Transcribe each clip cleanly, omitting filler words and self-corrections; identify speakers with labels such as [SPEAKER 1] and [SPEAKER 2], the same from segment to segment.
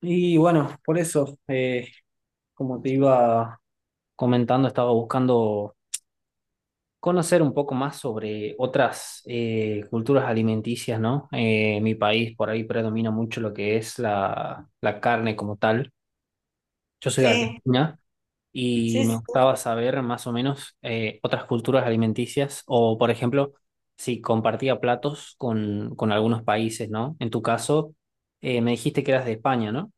[SPEAKER 1] Y bueno, por eso, como te iba comentando, estaba buscando conocer un poco más sobre otras culturas alimenticias, ¿no? En mi país por ahí predomina mucho lo que es la carne como tal. Yo soy de
[SPEAKER 2] Sí,
[SPEAKER 1] Argentina y
[SPEAKER 2] sí,
[SPEAKER 1] me
[SPEAKER 2] sí.
[SPEAKER 1] gustaba saber más o menos otras culturas alimenticias o, por ejemplo, si compartía platos con algunos países, ¿no? En tu caso, me dijiste que eras de España, ¿no?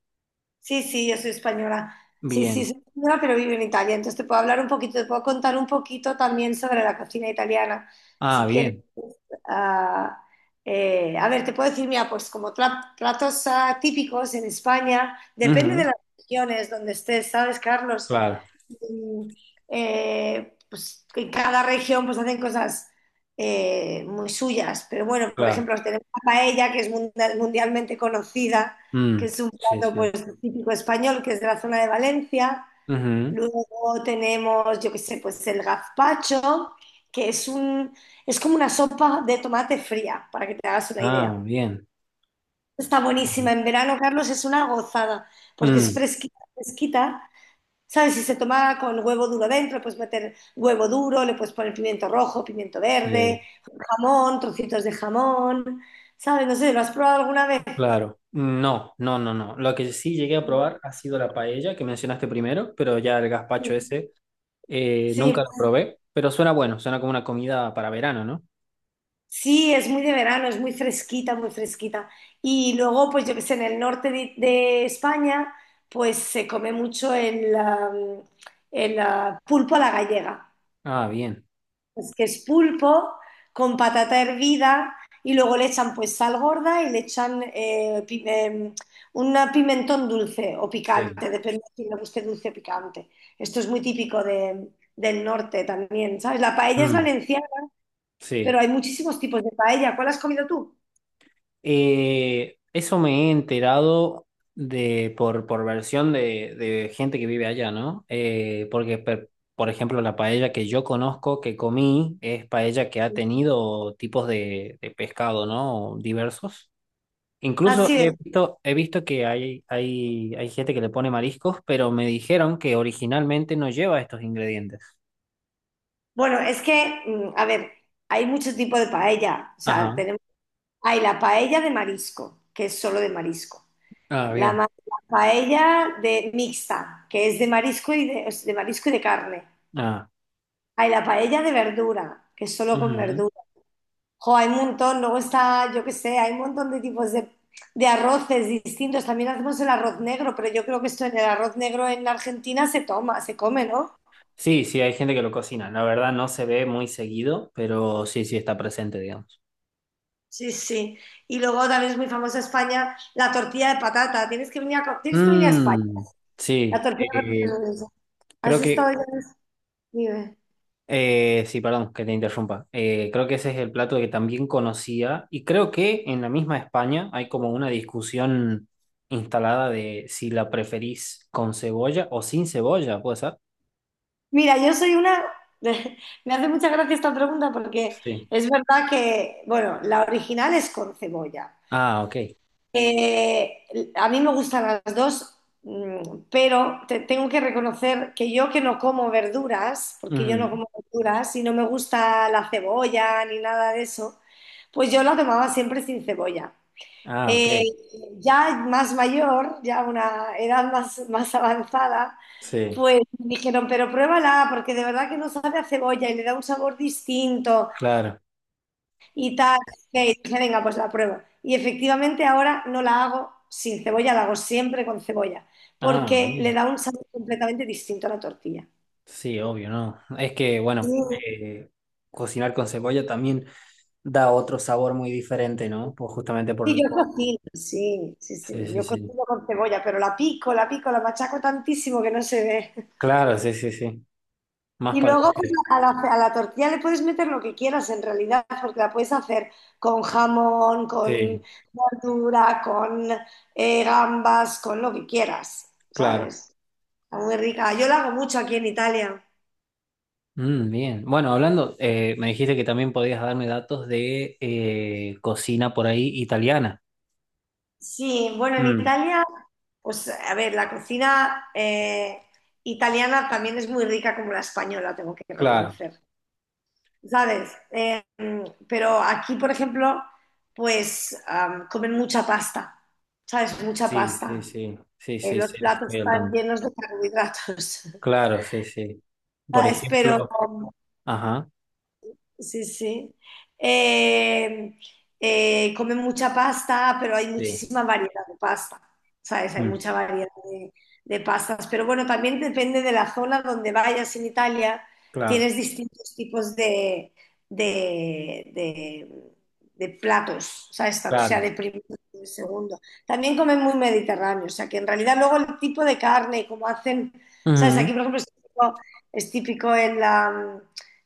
[SPEAKER 2] Sí, sí, yo soy española. Sí, sí,
[SPEAKER 1] Bien.
[SPEAKER 2] soy española, pero vivo en Italia. Entonces te puedo hablar un poquito, te puedo contar un poquito también sobre la cocina italiana.
[SPEAKER 1] Ah,
[SPEAKER 2] Si quieres,
[SPEAKER 1] bien.
[SPEAKER 2] pues, ah, a ver, te puedo decir, mira, pues como platos típicos en España, depende de
[SPEAKER 1] Ujú.
[SPEAKER 2] las regiones donde estés, ¿sabes, Carlos?
[SPEAKER 1] Claro,
[SPEAKER 2] Mm, pues en cada región pues hacen cosas muy suyas. Pero bueno, por
[SPEAKER 1] claro.
[SPEAKER 2] ejemplo, tenemos la paella, que es mundialmente conocida, que
[SPEAKER 1] Mm,
[SPEAKER 2] es un...
[SPEAKER 1] sí,
[SPEAKER 2] Claro, pues
[SPEAKER 1] sí.
[SPEAKER 2] típico español, que es de la zona de Valencia.
[SPEAKER 1] Ujú.
[SPEAKER 2] Luego tenemos, yo qué sé, pues el gazpacho, que es un, es como una sopa de tomate fría, para que te hagas una
[SPEAKER 1] Ah,
[SPEAKER 2] idea.
[SPEAKER 1] bien.
[SPEAKER 2] Está buenísima. En verano, Carlos, es una gozada, porque es
[SPEAKER 1] Mm,
[SPEAKER 2] fresquita, fresquita. ¿Sabes? Si se toma con huevo duro dentro, puedes meter huevo duro, le puedes poner pimiento rojo, pimiento verde,
[SPEAKER 1] sí,
[SPEAKER 2] jamón, trocitos de jamón. ¿Sabes? No sé, ¿lo has probado alguna vez?
[SPEAKER 1] claro. No, no, no, no. Lo que sí llegué a
[SPEAKER 2] No.
[SPEAKER 1] probar ha sido la paella que mencionaste primero, pero ya el gazpacho ese
[SPEAKER 2] Sí.
[SPEAKER 1] nunca lo probé, pero suena bueno, suena como una comida para verano, ¿no?
[SPEAKER 2] Sí, es muy de verano, es muy fresquita, muy fresquita. Y luego, pues yo que sé, en el norte de España, pues se come mucho el, am, el, ah, pulpo a la gallega.
[SPEAKER 1] Ah, bien.
[SPEAKER 2] Pues que es pulpo con patata hervida y luego le echan pues sal gorda y le echan un pimentón dulce o
[SPEAKER 1] Sí.
[SPEAKER 2] picante, depende de si le guste dulce o picante. Esto es muy típico del norte también, ¿sabes? La paella es
[SPEAKER 1] Mm,
[SPEAKER 2] valenciana, pero
[SPEAKER 1] sí.
[SPEAKER 2] hay muchísimos tipos de paella. ¿Cuál has comido tú?
[SPEAKER 1] Eso me he enterado de por versión de gente que vive allá, ¿no? Por ejemplo, la paella que yo conozco, que comí, es paella que ha tenido tipos de pescado, ¿no? Diversos. Incluso
[SPEAKER 2] Así es.
[SPEAKER 1] he visto que hay gente que le pone mariscos, pero me dijeron que originalmente no lleva estos ingredientes.
[SPEAKER 2] Bueno, es que, a ver, hay muchos tipos de paella. O sea,
[SPEAKER 1] Ajá.
[SPEAKER 2] tenemos, hay la paella de marisco, que es solo de marisco.
[SPEAKER 1] Ah,
[SPEAKER 2] La,
[SPEAKER 1] bien.
[SPEAKER 2] la paella de mixta, que es de marisco y de, es de marisco y de carne.
[SPEAKER 1] Ah.
[SPEAKER 2] Hay la paella de verdura, que es solo con verdura. Jo, hay un montón. Luego está, yo qué sé, hay un montón de tipos de arroces distintos. También hacemos el arroz negro, pero yo creo que esto en el arroz negro en Argentina se toma, se come, ¿no?
[SPEAKER 1] Sí, sí, hay gente que lo cocina. La verdad no se ve muy seguido, pero sí, sí está presente, digamos.
[SPEAKER 2] Sí, sí. Y luego también es muy famosa España la tortilla de patata. Tienes que venir a, tienes que venir a España.
[SPEAKER 1] Mm,
[SPEAKER 2] La
[SPEAKER 1] sí,
[SPEAKER 2] tortilla de patata es maravillosa. Has
[SPEAKER 1] creo
[SPEAKER 2] estado
[SPEAKER 1] que...
[SPEAKER 2] ya en... Dime.
[SPEAKER 1] Sí, perdón, que te interrumpa. Creo que ese es el plato que también conocía y creo que en la misma España hay como una discusión instalada de si la preferís con cebolla o sin cebolla, ¿puede ser?
[SPEAKER 2] Mira, yo soy una... Me hace mucha gracia esta pregunta porque
[SPEAKER 1] Sí.
[SPEAKER 2] es verdad que, bueno, la original es con cebolla.
[SPEAKER 1] Ah, ok.
[SPEAKER 2] Eh, a mí me gustan las dos, pero tengo que reconocer que yo, que no como verduras, porque yo no
[SPEAKER 1] Ujú.
[SPEAKER 2] como verduras y no me gusta la cebolla ni nada de eso, pues yo la tomaba siempre sin cebolla.
[SPEAKER 1] Ah, ok.
[SPEAKER 2] Eh, ya más mayor, ya una edad más, más avanzada,
[SPEAKER 1] Sí,
[SPEAKER 2] pues me dijeron, pero pruébala, porque de verdad que no sabe a cebolla y le da un sabor distinto
[SPEAKER 1] claro.
[SPEAKER 2] y tal. Y dije, venga, pues la pruebo. Y efectivamente ahora no la hago sin cebolla, la hago siempre con cebolla,
[SPEAKER 1] Ah,
[SPEAKER 2] porque le
[SPEAKER 1] bien.
[SPEAKER 2] da un sabor completamente distinto a la tortilla.
[SPEAKER 1] Sí, obvio, ¿no? Es que,
[SPEAKER 2] Sí,
[SPEAKER 1] bueno, eh, cocinar con cebolla también da otro sabor muy diferente, ¿no? Pues justamente
[SPEAKER 2] sí, yo cocino, sí, sí,
[SPEAKER 1] sí,
[SPEAKER 2] sí,
[SPEAKER 1] sí,
[SPEAKER 2] yo
[SPEAKER 1] sí.
[SPEAKER 2] cocino con cebolla, pero la pico, la pico, la machaco tantísimo que no se ve.
[SPEAKER 1] Claro, sí, sí, sí. Más
[SPEAKER 2] Y
[SPEAKER 1] para vos
[SPEAKER 2] luego pues,
[SPEAKER 1] que...
[SPEAKER 2] a la tortilla le puedes meter lo que quieras en realidad, porque la puedes hacer con jamón, con
[SPEAKER 1] Sí,
[SPEAKER 2] verdura, con gambas, con lo que quieras,
[SPEAKER 1] claro.
[SPEAKER 2] ¿sabes? Está muy rica. Yo la hago mucho aquí en Italia.
[SPEAKER 1] Mm, bien. Bueno, hablando, me dijiste que también podías darme datos de cocina por ahí italiana.
[SPEAKER 2] Sí, bueno, en
[SPEAKER 1] Mm,
[SPEAKER 2] Italia, pues a ver, la cocina italiana también es muy rica como la española, tengo que
[SPEAKER 1] claro.
[SPEAKER 2] reconocer. ¿Sabes? Pero aquí, por ejemplo, pues comen mucha pasta, ¿sabes? Mucha
[SPEAKER 1] Sí, sí,
[SPEAKER 2] pasta.
[SPEAKER 1] sí. Sí, sí,
[SPEAKER 2] Los
[SPEAKER 1] sí.
[SPEAKER 2] platos
[SPEAKER 1] Estoy al
[SPEAKER 2] están
[SPEAKER 1] tanto.
[SPEAKER 2] llenos de carbohidratos,
[SPEAKER 1] Claro, sí, sí. Por
[SPEAKER 2] ¿sabes? Pero,
[SPEAKER 1] ejemplo, ajá,
[SPEAKER 2] sí, sí. Eh, Come mucha pasta, pero hay
[SPEAKER 1] sí.
[SPEAKER 2] muchísima variedad de pasta, ¿sabes? Hay
[SPEAKER 1] Mm,
[SPEAKER 2] mucha variedad de pastas. Pero bueno, también depende de la zona donde vayas en Italia,
[SPEAKER 1] claro,
[SPEAKER 2] tienes distintos tipos de, de- de platos, ¿sabes? O sea,
[SPEAKER 1] claro.
[SPEAKER 2] de primero y de segundo. También comen muy mediterráneo, o sea, que en realidad luego el tipo de carne, como hacen, ¿sabes? Aquí,
[SPEAKER 1] Ujú.
[SPEAKER 2] por ejemplo, es típico en la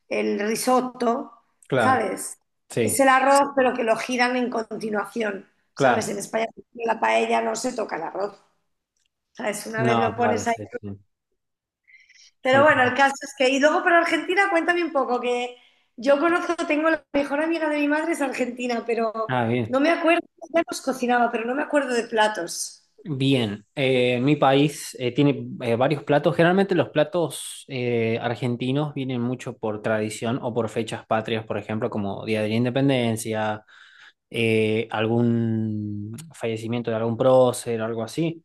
[SPEAKER 2] el risotto,
[SPEAKER 1] Claro,
[SPEAKER 2] ¿sabes? Es
[SPEAKER 1] sí,
[SPEAKER 2] el arroz, pero que lo giran en continuación, ¿sabes?
[SPEAKER 1] claro.
[SPEAKER 2] En España, en la paella no se toca el arroz, ¿sabes? Una vez
[SPEAKER 1] No,
[SPEAKER 2] lo
[SPEAKER 1] claro,
[SPEAKER 2] pones ahí.
[SPEAKER 1] sí, sí. Son
[SPEAKER 2] Pero bueno, el
[SPEAKER 1] como...
[SPEAKER 2] caso es que... Y luego para Argentina, cuéntame un poco, que yo conozco, tengo la mejor amiga de mi madre es argentina, pero
[SPEAKER 1] Ah, bien.
[SPEAKER 2] no me acuerdo, ella nos cocinaba, pero no me acuerdo de platos.
[SPEAKER 1] Bien, mi país tiene varios platos. Generalmente los platos argentinos vienen mucho por tradición o por fechas patrias, por ejemplo, como Día de la Independencia, algún fallecimiento de algún prócer, algo así.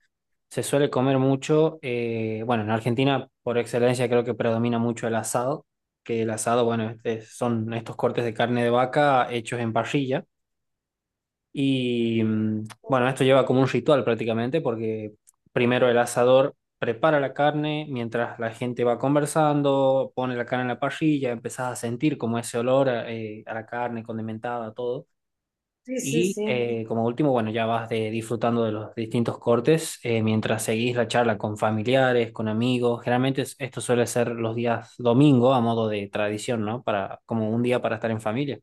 [SPEAKER 1] Se suele comer mucho. Bueno, en Argentina, por excelencia, creo que predomina mucho el asado, que el asado, son estos cortes de carne de vaca hechos en parrilla. Y bueno, esto lleva como un ritual prácticamente, porque primero el asador prepara la carne, mientras la gente va conversando, pone la carne en la parrilla, empezás a sentir como ese olor a la carne condimentada, todo.
[SPEAKER 2] Sí, sí,
[SPEAKER 1] Y
[SPEAKER 2] sí.
[SPEAKER 1] como último, bueno, ya disfrutando de los distintos cortes mientras seguís la charla con familiares, con amigos. Generalmente esto suele ser los días domingo a modo de tradición, ¿no? Para, como un día para estar en familia.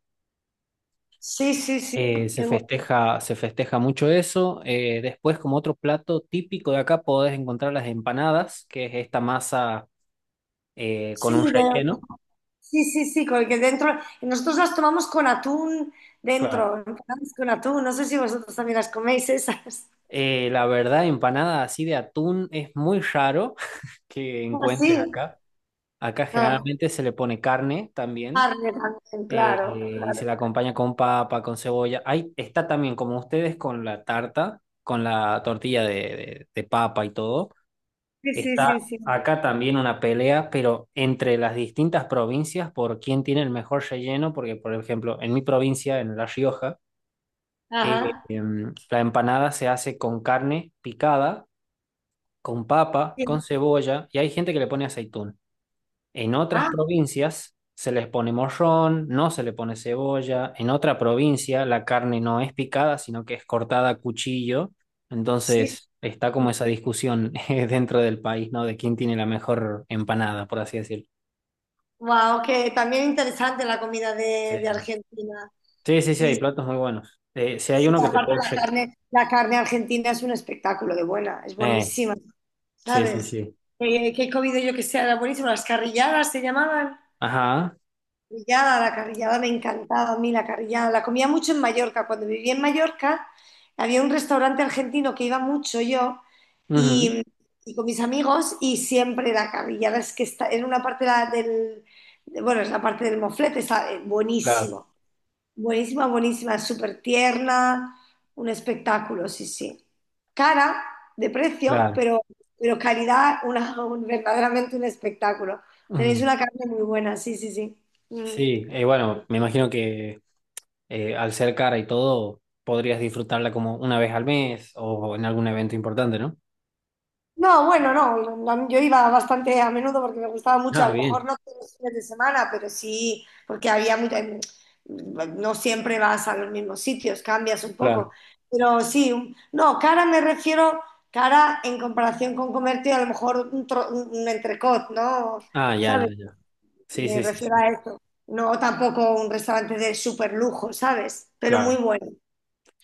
[SPEAKER 2] Sí, sí, sí,
[SPEAKER 1] Se
[SPEAKER 2] qué bueno.
[SPEAKER 1] festeja, se festeja mucho eso. Después, como otro plato típico de acá, podés encontrar las empanadas, que es esta masa
[SPEAKER 2] Sí,
[SPEAKER 1] con un
[SPEAKER 2] de...
[SPEAKER 1] relleno.
[SPEAKER 2] Sí, sí, sí, con el que dentro, nosotros las tomamos con atún
[SPEAKER 1] Claro.
[SPEAKER 2] dentro, empanadas con atún, no sé si vosotros también las coméis esas.
[SPEAKER 1] La verdad, empanada así de atún es muy raro que
[SPEAKER 2] Ah, sí,
[SPEAKER 1] encuentres acá. Acá
[SPEAKER 2] ah,
[SPEAKER 1] generalmente se le pone carne también
[SPEAKER 2] carne también, claro,
[SPEAKER 1] y se
[SPEAKER 2] claro.
[SPEAKER 1] la acompaña con papa, con cebolla. Ahí está también, como ustedes, con la tarta, con la tortilla de papa y todo.
[SPEAKER 2] Sí, sí,
[SPEAKER 1] Está
[SPEAKER 2] sí, sí.
[SPEAKER 1] acá también una pelea, pero entre las distintas provincias por quién tiene el mejor relleno, porque por ejemplo, en mi provincia, en La Rioja,
[SPEAKER 2] Ajá.
[SPEAKER 1] la empanada se hace con carne picada, con papa, con
[SPEAKER 2] Sí.
[SPEAKER 1] cebolla, y hay gente que le pone aceitún. En otras
[SPEAKER 2] Ah,
[SPEAKER 1] provincias se les pone morrón, no se le pone cebolla. En otra provincia la carne no es picada, sino que es cortada a cuchillo.
[SPEAKER 2] sí.
[SPEAKER 1] Entonces está como esa discusión dentro del país, ¿no? De quién tiene la mejor empanada, por así decirlo.
[SPEAKER 2] Wow, que también interesante la comida
[SPEAKER 1] Sí,
[SPEAKER 2] de Argentina.
[SPEAKER 1] sí, sí, sí,
[SPEAKER 2] Sí,
[SPEAKER 1] hay platos muy buenos. Si hay
[SPEAKER 2] sí,
[SPEAKER 1] uno que te
[SPEAKER 2] aparte
[SPEAKER 1] puedo...
[SPEAKER 2] la carne argentina es un espectáculo de buena, es
[SPEAKER 1] eh,
[SPEAKER 2] buenísima,
[SPEAKER 1] sí, sí,
[SPEAKER 2] ¿sabes?
[SPEAKER 1] sí.
[SPEAKER 2] Que he comido yo, que sea, era buenísimo, las carrilladas se llamaban.
[SPEAKER 1] Ajá.
[SPEAKER 2] Carrillada, la carrillada me encantaba a mí, la carrillada. La comía mucho en Mallorca. Cuando vivía en Mallorca, había un restaurante argentino que iba mucho yo,
[SPEAKER 1] Ujú,
[SPEAKER 2] y, y con mis amigos, y siempre la carrillada, es que está en una parte de bueno, es la parte del moflete, está
[SPEAKER 1] claro,
[SPEAKER 2] buenísimo, buenísima, buenísima, súper tierna, un espectáculo, sí, sí. Cara de precio,
[SPEAKER 1] claro.
[SPEAKER 2] pero calidad, una, verdaderamente un espectáculo. Tenéis
[SPEAKER 1] Ujú.
[SPEAKER 2] una carne muy buena, sí, sí, sí. Mm.
[SPEAKER 1] Sí, bueno, me imagino que al ser cara y todo, podrías disfrutarla como una vez al mes o en algún evento importante, ¿no?
[SPEAKER 2] No, bueno, no, yo iba bastante a menudo porque me gustaba mucho, a
[SPEAKER 1] Ah,
[SPEAKER 2] lo mejor
[SPEAKER 1] bien,
[SPEAKER 2] no todos los fines de semana, pero sí, porque había mucha... no siempre vas a los mismos sitios, cambias un
[SPEAKER 1] claro.
[SPEAKER 2] poco, pero sí, no, cara me refiero, cara en comparación con comerte a lo mejor un, un entrecot, ¿no?
[SPEAKER 1] Ah, ya, ya,
[SPEAKER 2] ¿Sabes?
[SPEAKER 1] ya. Sí,
[SPEAKER 2] Me
[SPEAKER 1] sí, sí,
[SPEAKER 2] refiero
[SPEAKER 1] sí,
[SPEAKER 2] a eso, no tampoco un restaurante de súper lujo, ¿sabes? Pero muy
[SPEAKER 1] claro.
[SPEAKER 2] bueno,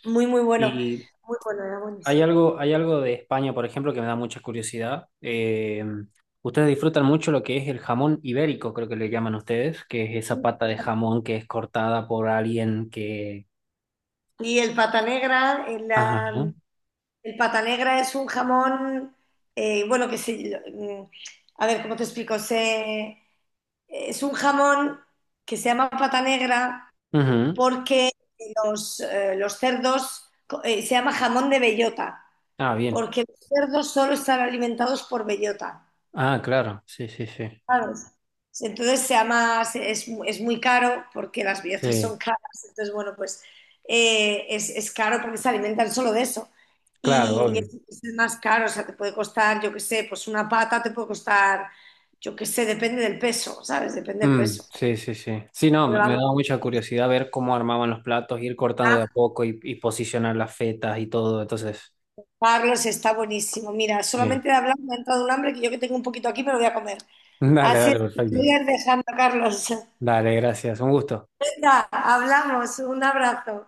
[SPEAKER 2] muy, muy bueno,
[SPEAKER 1] Y
[SPEAKER 2] muy bueno, era buenísimo.
[SPEAKER 1] hay algo de España, por ejemplo, que me da mucha curiosidad. Ustedes disfrutan mucho lo que es el jamón ibérico, creo que le llaman ustedes, que es esa pata de jamón que es cortada por alguien que...
[SPEAKER 2] Y el pata negra.
[SPEAKER 1] Ajá.
[SPEAKER 2] El pata negra es un jamón, bueno, a ver, ¿cómo te explico? Es un jamón que se llama pata negra
[SPEAKER 1] Ujú.
[SPEAKER 2] porque los cerdos, se llama jamón de bellota,
[SPEAKER 1] Ah, bien.
[SPEAKER 2] porque los cerdos solo están alimentados por bellota.
[SPEAKER 1] Ah, claro. Sí, sí, sí.
[SPEAKER 2] ¿Sabes? Entonces sea más, es muy caro porque las billetas son
[SPEAKER 1] Sí,
[SPEAKER 2] caras, entonces bueno, pues es caro porque se alimentan solo de eso
[SPEAKER 1] claro,
[SPEAKER 2] y
[SPEAKER 1] obvio.
[SPEAKER 2] es más caro, o sea, te puede costar, yo qué sé, pues una pata te puede costar, yo qué sé, depende del peso, ¿sabes? Depende del
[SPEAKER 1] Mm,
[SPEAKER 2] peso.
[SPEAKER 1] sí, sí, sí. Sí, no,
[SPEAKER 2] Pero
[SPEAKER 1] me
[SPEAKER 2] vamos,
[SPEAKER 1] daba mucha curiosidad ver cómo armaban los platos, ir cortando de a
[SPEAKER 2] está...
[SPEAKER 1] poco y posicionar las fetas y todo. Entonces,
[SPEAKER 2] Carlos, está buenísimo. Mira,
[SPEAKER 1] eh,
[SPEAKER 2] solamente de hablar me ha entrado un hambre que yo que tengo un poquito aquí me lo voy a comer.
[SPEAKER 1] dale,
[SPEAKER 2] Así
[SPEAKER 1] dale,
[SPEAKER 2] es, te
[SPEAKER 1] perfecto.
[SPEAKER 2] voy a ir dejando, Carlos.
[SPEAKER 1] Dale, gracias. Un gusto.
[SPEAKER 2] Venga, hablamos, un abrazo.